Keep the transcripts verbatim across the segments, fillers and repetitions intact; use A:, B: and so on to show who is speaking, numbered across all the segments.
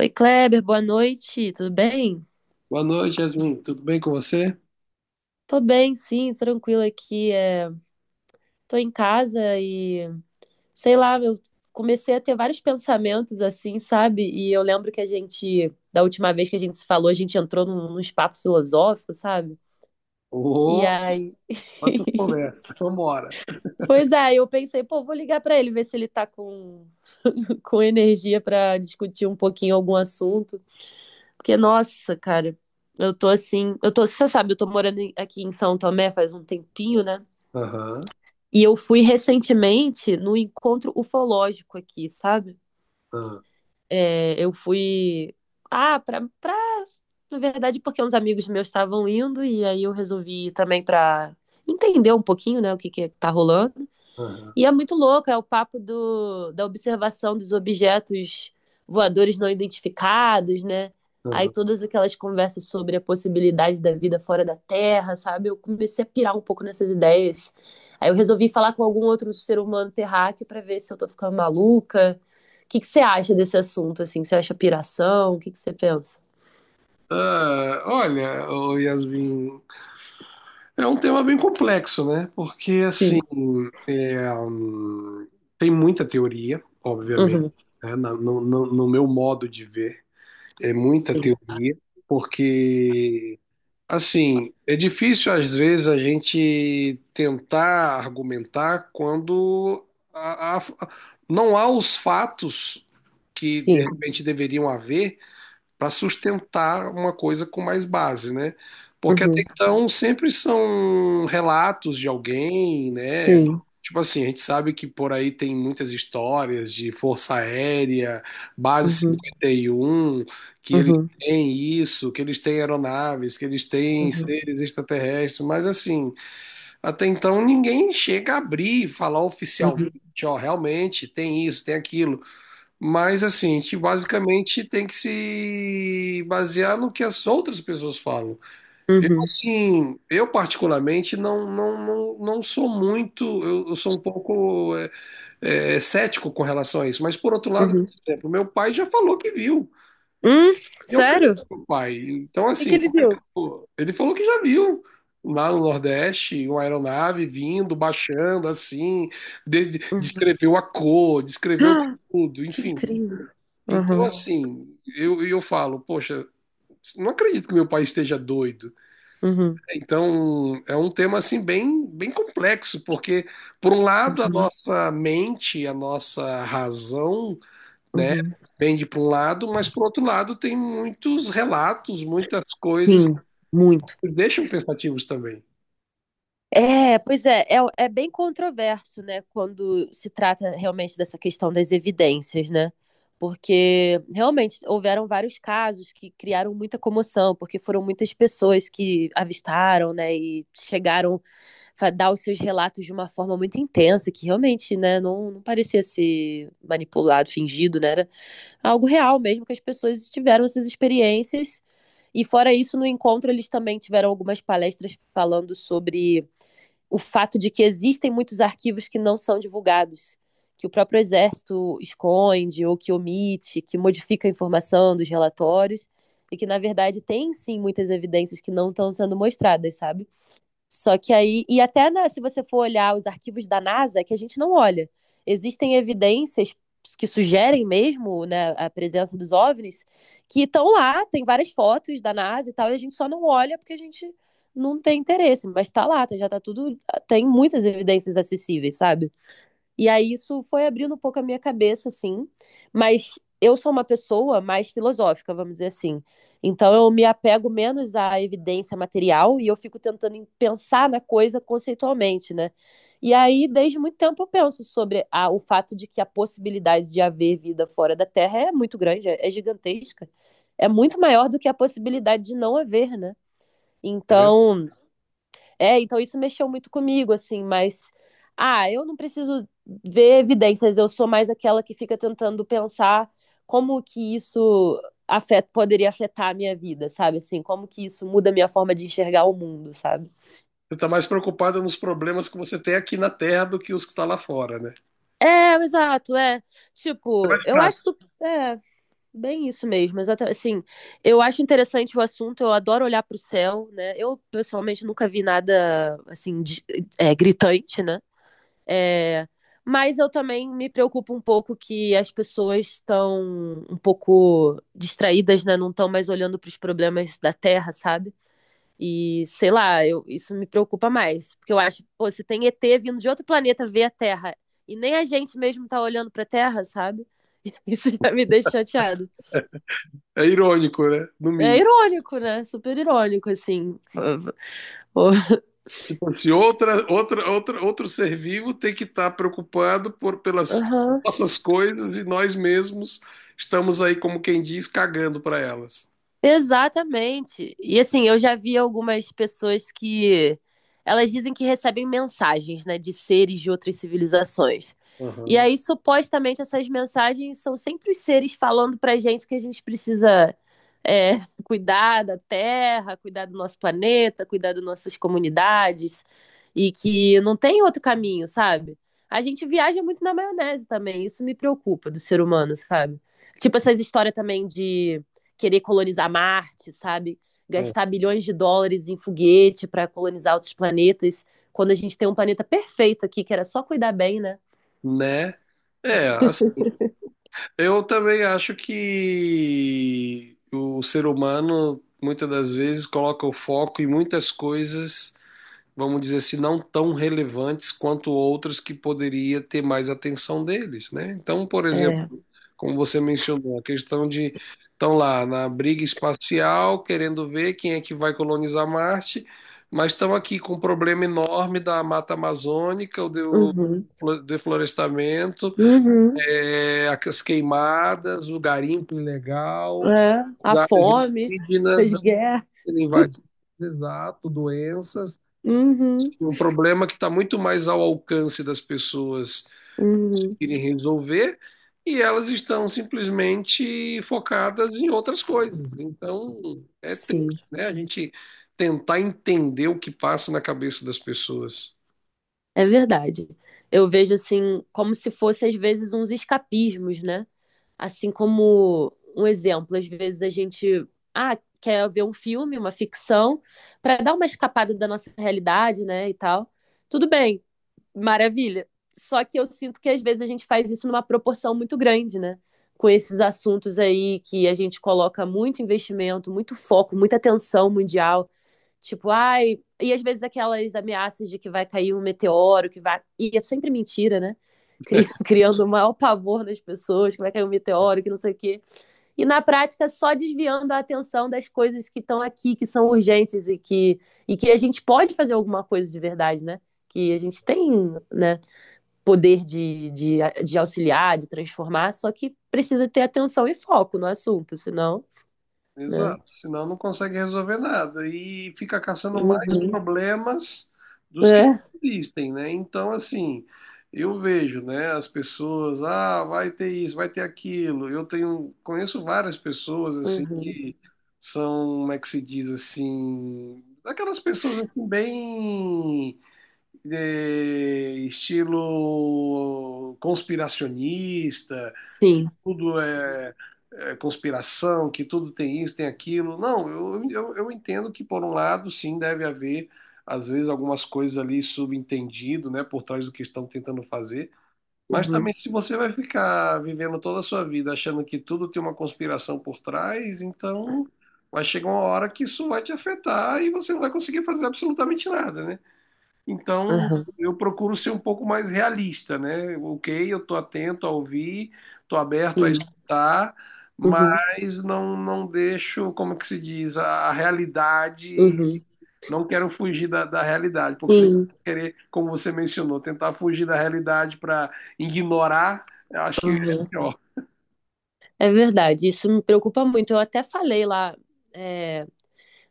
A: Oi, Kleber, boa noite, tudo bem?
B: Boa noite, Yasmin. Tudo bem com você?
A: Tô bem, sim, tranquila aqui. É... Tô em casa e, sei lá, eu comecei a ter vários pensamentos assim, sabe? E eu lembro que a gente, da última vez que a gente se falou, a gente entrou num, nos papos filosóficos, sabe? E
B: Ô,
A: aí,
B: quantas conversas. Vambora.
A: pois é, eu pensei, pô, vou ligar pra ele, ver se ele tá com, com energia pra discutir um pouquinho algum assunto. Porque, nossa, cara, eu tô assim, eu tô, você sabe, eu tô morando em- aqui em São Tomé faz um tempinho, né?
B: Aham,
A: E eu fui recentemente no encontro ufológico aqui, sabe?
B: aham,
A: É, eu fui. Ah, pra, pra. Na verdade, porque uns amigos meus estavam indo, e aí eu resolvi ir também pra entender um pouquinho, né, o que que tá rolando.
B: aham,
A: E é muito louco, é o papo do, da observação dos objetos voadores não identificados, né? Aí
B: aham.
A: todas aquelas conversas sobre a possibilidade da vida fora da Terra, sabe? Eu comecei a pirar um pouco nessas ideias. Aí eu resolvi falar com algum outro ser humano terráqueo para ver se eu tô ficando maluca. O que que você acha desse assunto, assim? Você acha piração? O que que você pensa?
B: Ah, olha, ô Yasmin, é um tema bem complexo, né? Porque, assim,
A: Sim,
B: é, hum, tem muita teoria, obviamente,
A: uhum,
B: né? Na- No, no no meu modo de ver, é muita
A: sim,
B: teoria, porque assim, é difícil às vezes a gente tentar argumentar quando a- a- não há os fatos que de
A: sim,
B: repente deveriam haver para sustentar uma coisa com mais base, né? Porque até
A: uhum,
B: então sempre são relatos de alguém, né?
A: sim,
B: Tipo assim, a gente sabe que por aí tem muitas histórias de Força Aérea, Base
A: uhum,
B: cinquenta e um, que eles
A: uhum,
B: têm isso, que eles têm aeronaves, que eles têm
A: uhum,
B: seres extraterrestres, mas assim, até então ninguém chega a abrir e falar oficialmente,
A: uhum,
B: ó, realmente tem isso, tem aquilo. Mas assim, que basicamente tem que se basear no que as outras pessoas falam.
A: uhum,
B: Assim, eu particularmente não, não, não, não sou muito, eu, eu sou um pouco é, é, cético com relação a isso. Mas por outro lado,
A: uhum,
B: por exemplo, meu pai já falou que viu.
A: hum,
B: Eu
A: sério?
B: creio
A: O
B: no meu pai. Então,
A: que que
B: assim,
A: ele
B: como é que
A: viu?
B: eu vou? Ele falou que já viu. Lá no Nordeste, uma aeronave vindo, baixando, assim, de- de-
A: Uhum.
B: descreveu a cor, descreveu
A: Ah,
B: tudo,
A: que
B: enfim.
A: incrível.
B: Então, é,
A: Aham,
B: assim, eu, eu falo, poxa, não acredito que meu pai esteja doido.
A: uhum,
B: Então, é um tema, assim, bem, bem complexo, porque, por um lado, a
A: uhum,
B: nossa mente, a nossa razão, né,
A: uhum.
B: pende para um lado, mas, por outro lado, tem muitos relatos, muitas coisas que
A: Sim, muito.
B: nos deixam pensativos também,
A: É, pois é, é, é bem controverso, né, quando se trata realmente dessa questão das evidências, né? Porque realmente houveram vários casos que criaram muita comoção, porque foram muitas pessoas que avistaram, né, e chegaram a dar os seus relatos de uma forma muito intensa, que realmente, né, não, não parecia ser manipulado, fingido, né? Era algo real mesmo, que as pessoas tiveram essas experiências. E fora isso, no encontro eles também tiveram algumas palestras falando sobre o fato de que existem muitos arquivos que não são divulgados, que o próprio Exército esconde ou que omite, que modifica a informação dos relatórios, e que, na verdade, tem sim muitas evidências que não estão sendo mostradas, sabe? Só que aí, e até na- se você for olhar os arquivos da NASA, que a gente não olha, existem evidências que sugerem mesmo, né, a presença dos O V NIS, que estão lá, tem várias fotos da NASA e tal, e a gente só não olha porque a gente não tem interesse, mas tá lá, tá- já tá tudo, tem muitas evidências acessíveis, sabe? E aí isso foi abrindo um pouco a minha cabeça, assim. Mas eu sou uma pessoa mais filosófica, vamos dizer assim. Então eu me apego menos à evidência material e eu fico tentando em- pensar na coisa conceitualmente, né? E aí, desde muito tempo, eu penso sobre a- o fato de que a possibilidade de haver vida fora da Terra é muito grande, é, é gigantesca. É muito maior do que a possibilidade de não haver, né?
B: tá vendo?
A: Então, é, então isso mexeu muito comigo, assim, mas. Ah, eu não preciso ver evidências, eu sou mais aquela que fica tentando pensar como que isso afeta, poderia afetar a minha vida, sabe? Assim, como que isso muda a minha forma de enxergar o mundo, sabe?
B: Você está mais preocupada nos problemas que você tem aqui na Terra do que os que está lá fora, né?
A: É, exato, é.
B: É
A: Tipo,
B: mais
A: eu acho
B: prático,
A: super, é, bem isso mesmo, exatamente. Assim, eu acho interessante o assunto, eu adoro olhar pro céu, né? Eu, pessoalmente, nunca vi nada, assim, de- é, gritante, né? É, mas eu também me preocupo um pouco que as pessoas estão um pouco distraídas, né? Não estão mais olhando para os problemas da Terra, sabe? E sei lá, eu, isso me preocupa mais. Porque eu acho, pô, se tem E T vindo de outro planeta ver a Terra e nem a gente mesmo tá olhando pra Terra, sabe? Isso já me deixa chateado.
B: é irônico, né? No
A: É
B: mínimo.
A: irônico, né? Super irônico, assim.
B: Tipo assim, outra, outra, outra, outro ser vivo tem que estar preocupado por, pelas
A: Aham.
B: nossas coisas e nós mesmos estamos aí, como quem diz, cagando para elas.
A: Exatamente. E assim, eu já vi algumas pessoas que elas dizem que recebem mensagens, né, de seres de outras civilizações. E
B: Aham,
A: aí, supostamente, essas mensagens são sempre os seres falando pra gente que a gente precisa é, cuidar da Terra, cuidar do nosso planeta, cuidar das nossas comunidades, e que não tem outro caminho, sabe? A gente viaja muito na maionese também, isso me preocupa do ser humano, sabe? Tipo, essas histórias também de querer colonizar Marte, sabe?
B: é,
A: Gastar bilhões de dólares em foguete para colonizar outros planetas, quando a gente tem um planeta perfeito aqui, que era só cuidar bem, né?
B: né? É, as- eu também acho que o ser humano muitas das vezes coloca o foco em muitas coisas, vamos dizer assim, não tão relevantes quanto outras que poderia ter mais atenção deles, né? Então, por exemplo,
A: É.
B: como você mencionou, a questão de estão lá na briga espacial, querendo ver quem é que vai colonizar Marte, mas estão aqui com um problema enorme da mata amazônica, o do
A: Uhum.
B: flo- deflorestamento,
A: Uhum.
B: é, as queimadas, o garimpo ilegal,
A: É.
B: as
A: A
B: áreas
A: fome,
B: indígenas
A: as guerras.
B: sendo invadidas, exato, doenças,
A: Uhum.
B: um problema que está muito mais ao alcance das pessoas
A: Uhum.
B: conseguirem resolver e elas estão simplesmente focadas em outras coisas. Então, é
A: Sim,
B: triste, né? A gente tentar entender o que passa na cabeça das pessoas.
A: é verdade. Eu vejo assim, como se fossem às vezes uns escapismos, né? Assim como um exemplo, às vezes a gente ah, quer ver um filme, uma ficção, para dar uma escapada da nossa realidade, né, e tal. Tudo bem, maravilha. Só que eu sinto que às vezes a gente faz isso numa proporção muito grande, né? Com esses assuntos aí que a gente coloca muito investimento, muito foco, muita atenção mundial, tipo, ai. E às vezes aquelas ameaças de que vai cair um meteoro, que vai. E é sempre mentira, né? Cri- Criando o maior pavor nas pessoas, que vai cair um meteoro, que não sei o quê. E na prática, só desviando a atenção das coisas que estão aqui, que são urgentes e que, e que a gente pode fazer alguma coisa de verdade, né? Que a gente tem, né, poder de, de, de auxiliar, de transformar, só que precisa ter atenção e foco no assunto, senão, né?
B: Exato, senão não consegue resolver nada e fica caçando mais
A: Uhum.
B: problemas dos que
A: É.
B: existem, né? Então, assim, eu vejo, né, as pessoas, ah, vai ter isso, vai ter aquilo. Eu tenho, conheço várias pessoas assim
A: Uhum.
B: que são, como é que se diz assim, aquelas pessoas assim bem de estilo conspiracionista, que
A: Sim.
B: tudo é, é conspiração, que tudo tem isso, tem aquilo. Não, eu, eu, eu entendo que, por um lado, sim, deve haver, às vezes, algumas coisas ali subentendido, né, por trás do que estão tentando fazer. Mas também,
A: Uhum,
B: se você vai ficar vivendo toda a sua vida achando que tudo tem uma conspiração por trás, então vai chegar uma hora que isso vai te afetar e você não vai conseguir fazer absolutamente nada, né? Então,
A: aham,
B: eu procuro ser um pouco mais realista, né? Ok, eu estou atento a ouvir, estou aberto a
A: sim,
B: escutar,
A: uhum,
B: mas não, não deixo, como que se diz, a, a realidade,
A: uhum,
B: não quero fugir da, da realidade, porque se
A: sim,
B: querer, como você mencionou, tentar fugir da realidade para ignorar, eu acho que é
A: aham.
B: pior.
A: É verdade, isso me preocupa muito. Eu até falei lá, é,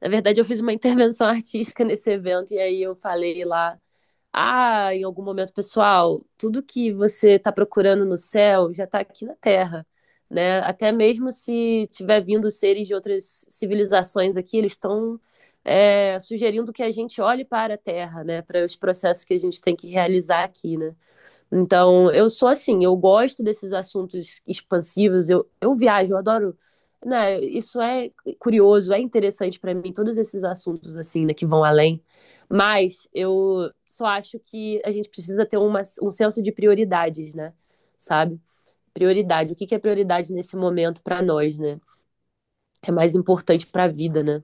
A: na verdade, eu fiz uma intervenção artística nesse evento, e aí eu falei lá, ah, em algum momento, pessoal, tudo que você está procurando no céu já está aqui na Terra, né? Até mesmo se tiver vindo seres de outras civilizações aqui, eles estão. É, sugerindo que a gente olhe para a Terra, né, para os processos que a gente tem que realizar aqui, né? Então, eu sou assim, eu gosto desses assuntos expansivos, eu, eu viajo, eu adoro, né? Isso é curioso, é interessante para mim, todos esses assuntos assim, né, que vão além. Mas eu só acho que a gente precisa ter uma, um senso de prioridades, né? Sabe? Prioridade, o que que é prioridade nesse momento para nós, né? É mais importante para a vida, né?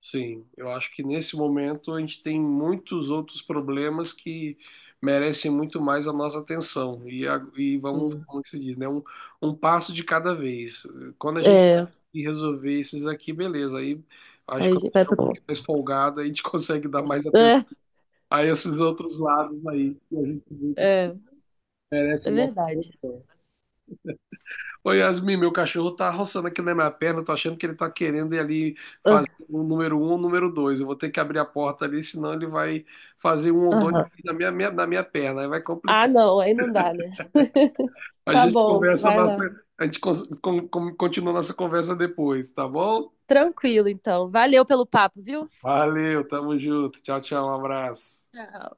B: Sim, eu acho que nesse momento a gente tem muitos outros problemas que merecem muito mais a nossa atenção. E, a- e vamos,
A: Hum.
B: como que se diz, né? Um, um passo de cada vez. Quando a gente
A: É,
B: resolver esses aqui, beleza. Aí
A: a
B: acho que
A: gente
B: quando
A: vai
B: tiver
A: pra...
B: um pouquinho mais folgado, a gente consegue dar mais atenção
A: É,
B: a esses outros lados aí que a gente vê que
A: é,
B: merece
A: é
B: a nossa
A: verdade.
B: atenção. Oi Yasmin, meu cachorro tá roçando aqui na minha perna, eu tô achando que ele tá querendo ir ali fazer
A: Ah,
B: o número um, o número dois. Eu vou ter que abrir a porta ali, senão ele vai fazer um ou dois
A: aham.
B: aqui na minha, minha- na minha perna, aí vai
A: Ah,
B: complicar.
A: não, aí não dá, né?
B: A
A: Tá
B: gente
A: bom,
B: conversa
A: vai
B: nossa,
A: lá.
B: a gente cons- con- con- continua nossa conversa depois, tá bom?
A: Tranquilo, então. Valeu pelo papo, viu?
B: Valeu, tamo junto. Tchau, tchau, um abraço.
A: Tchau.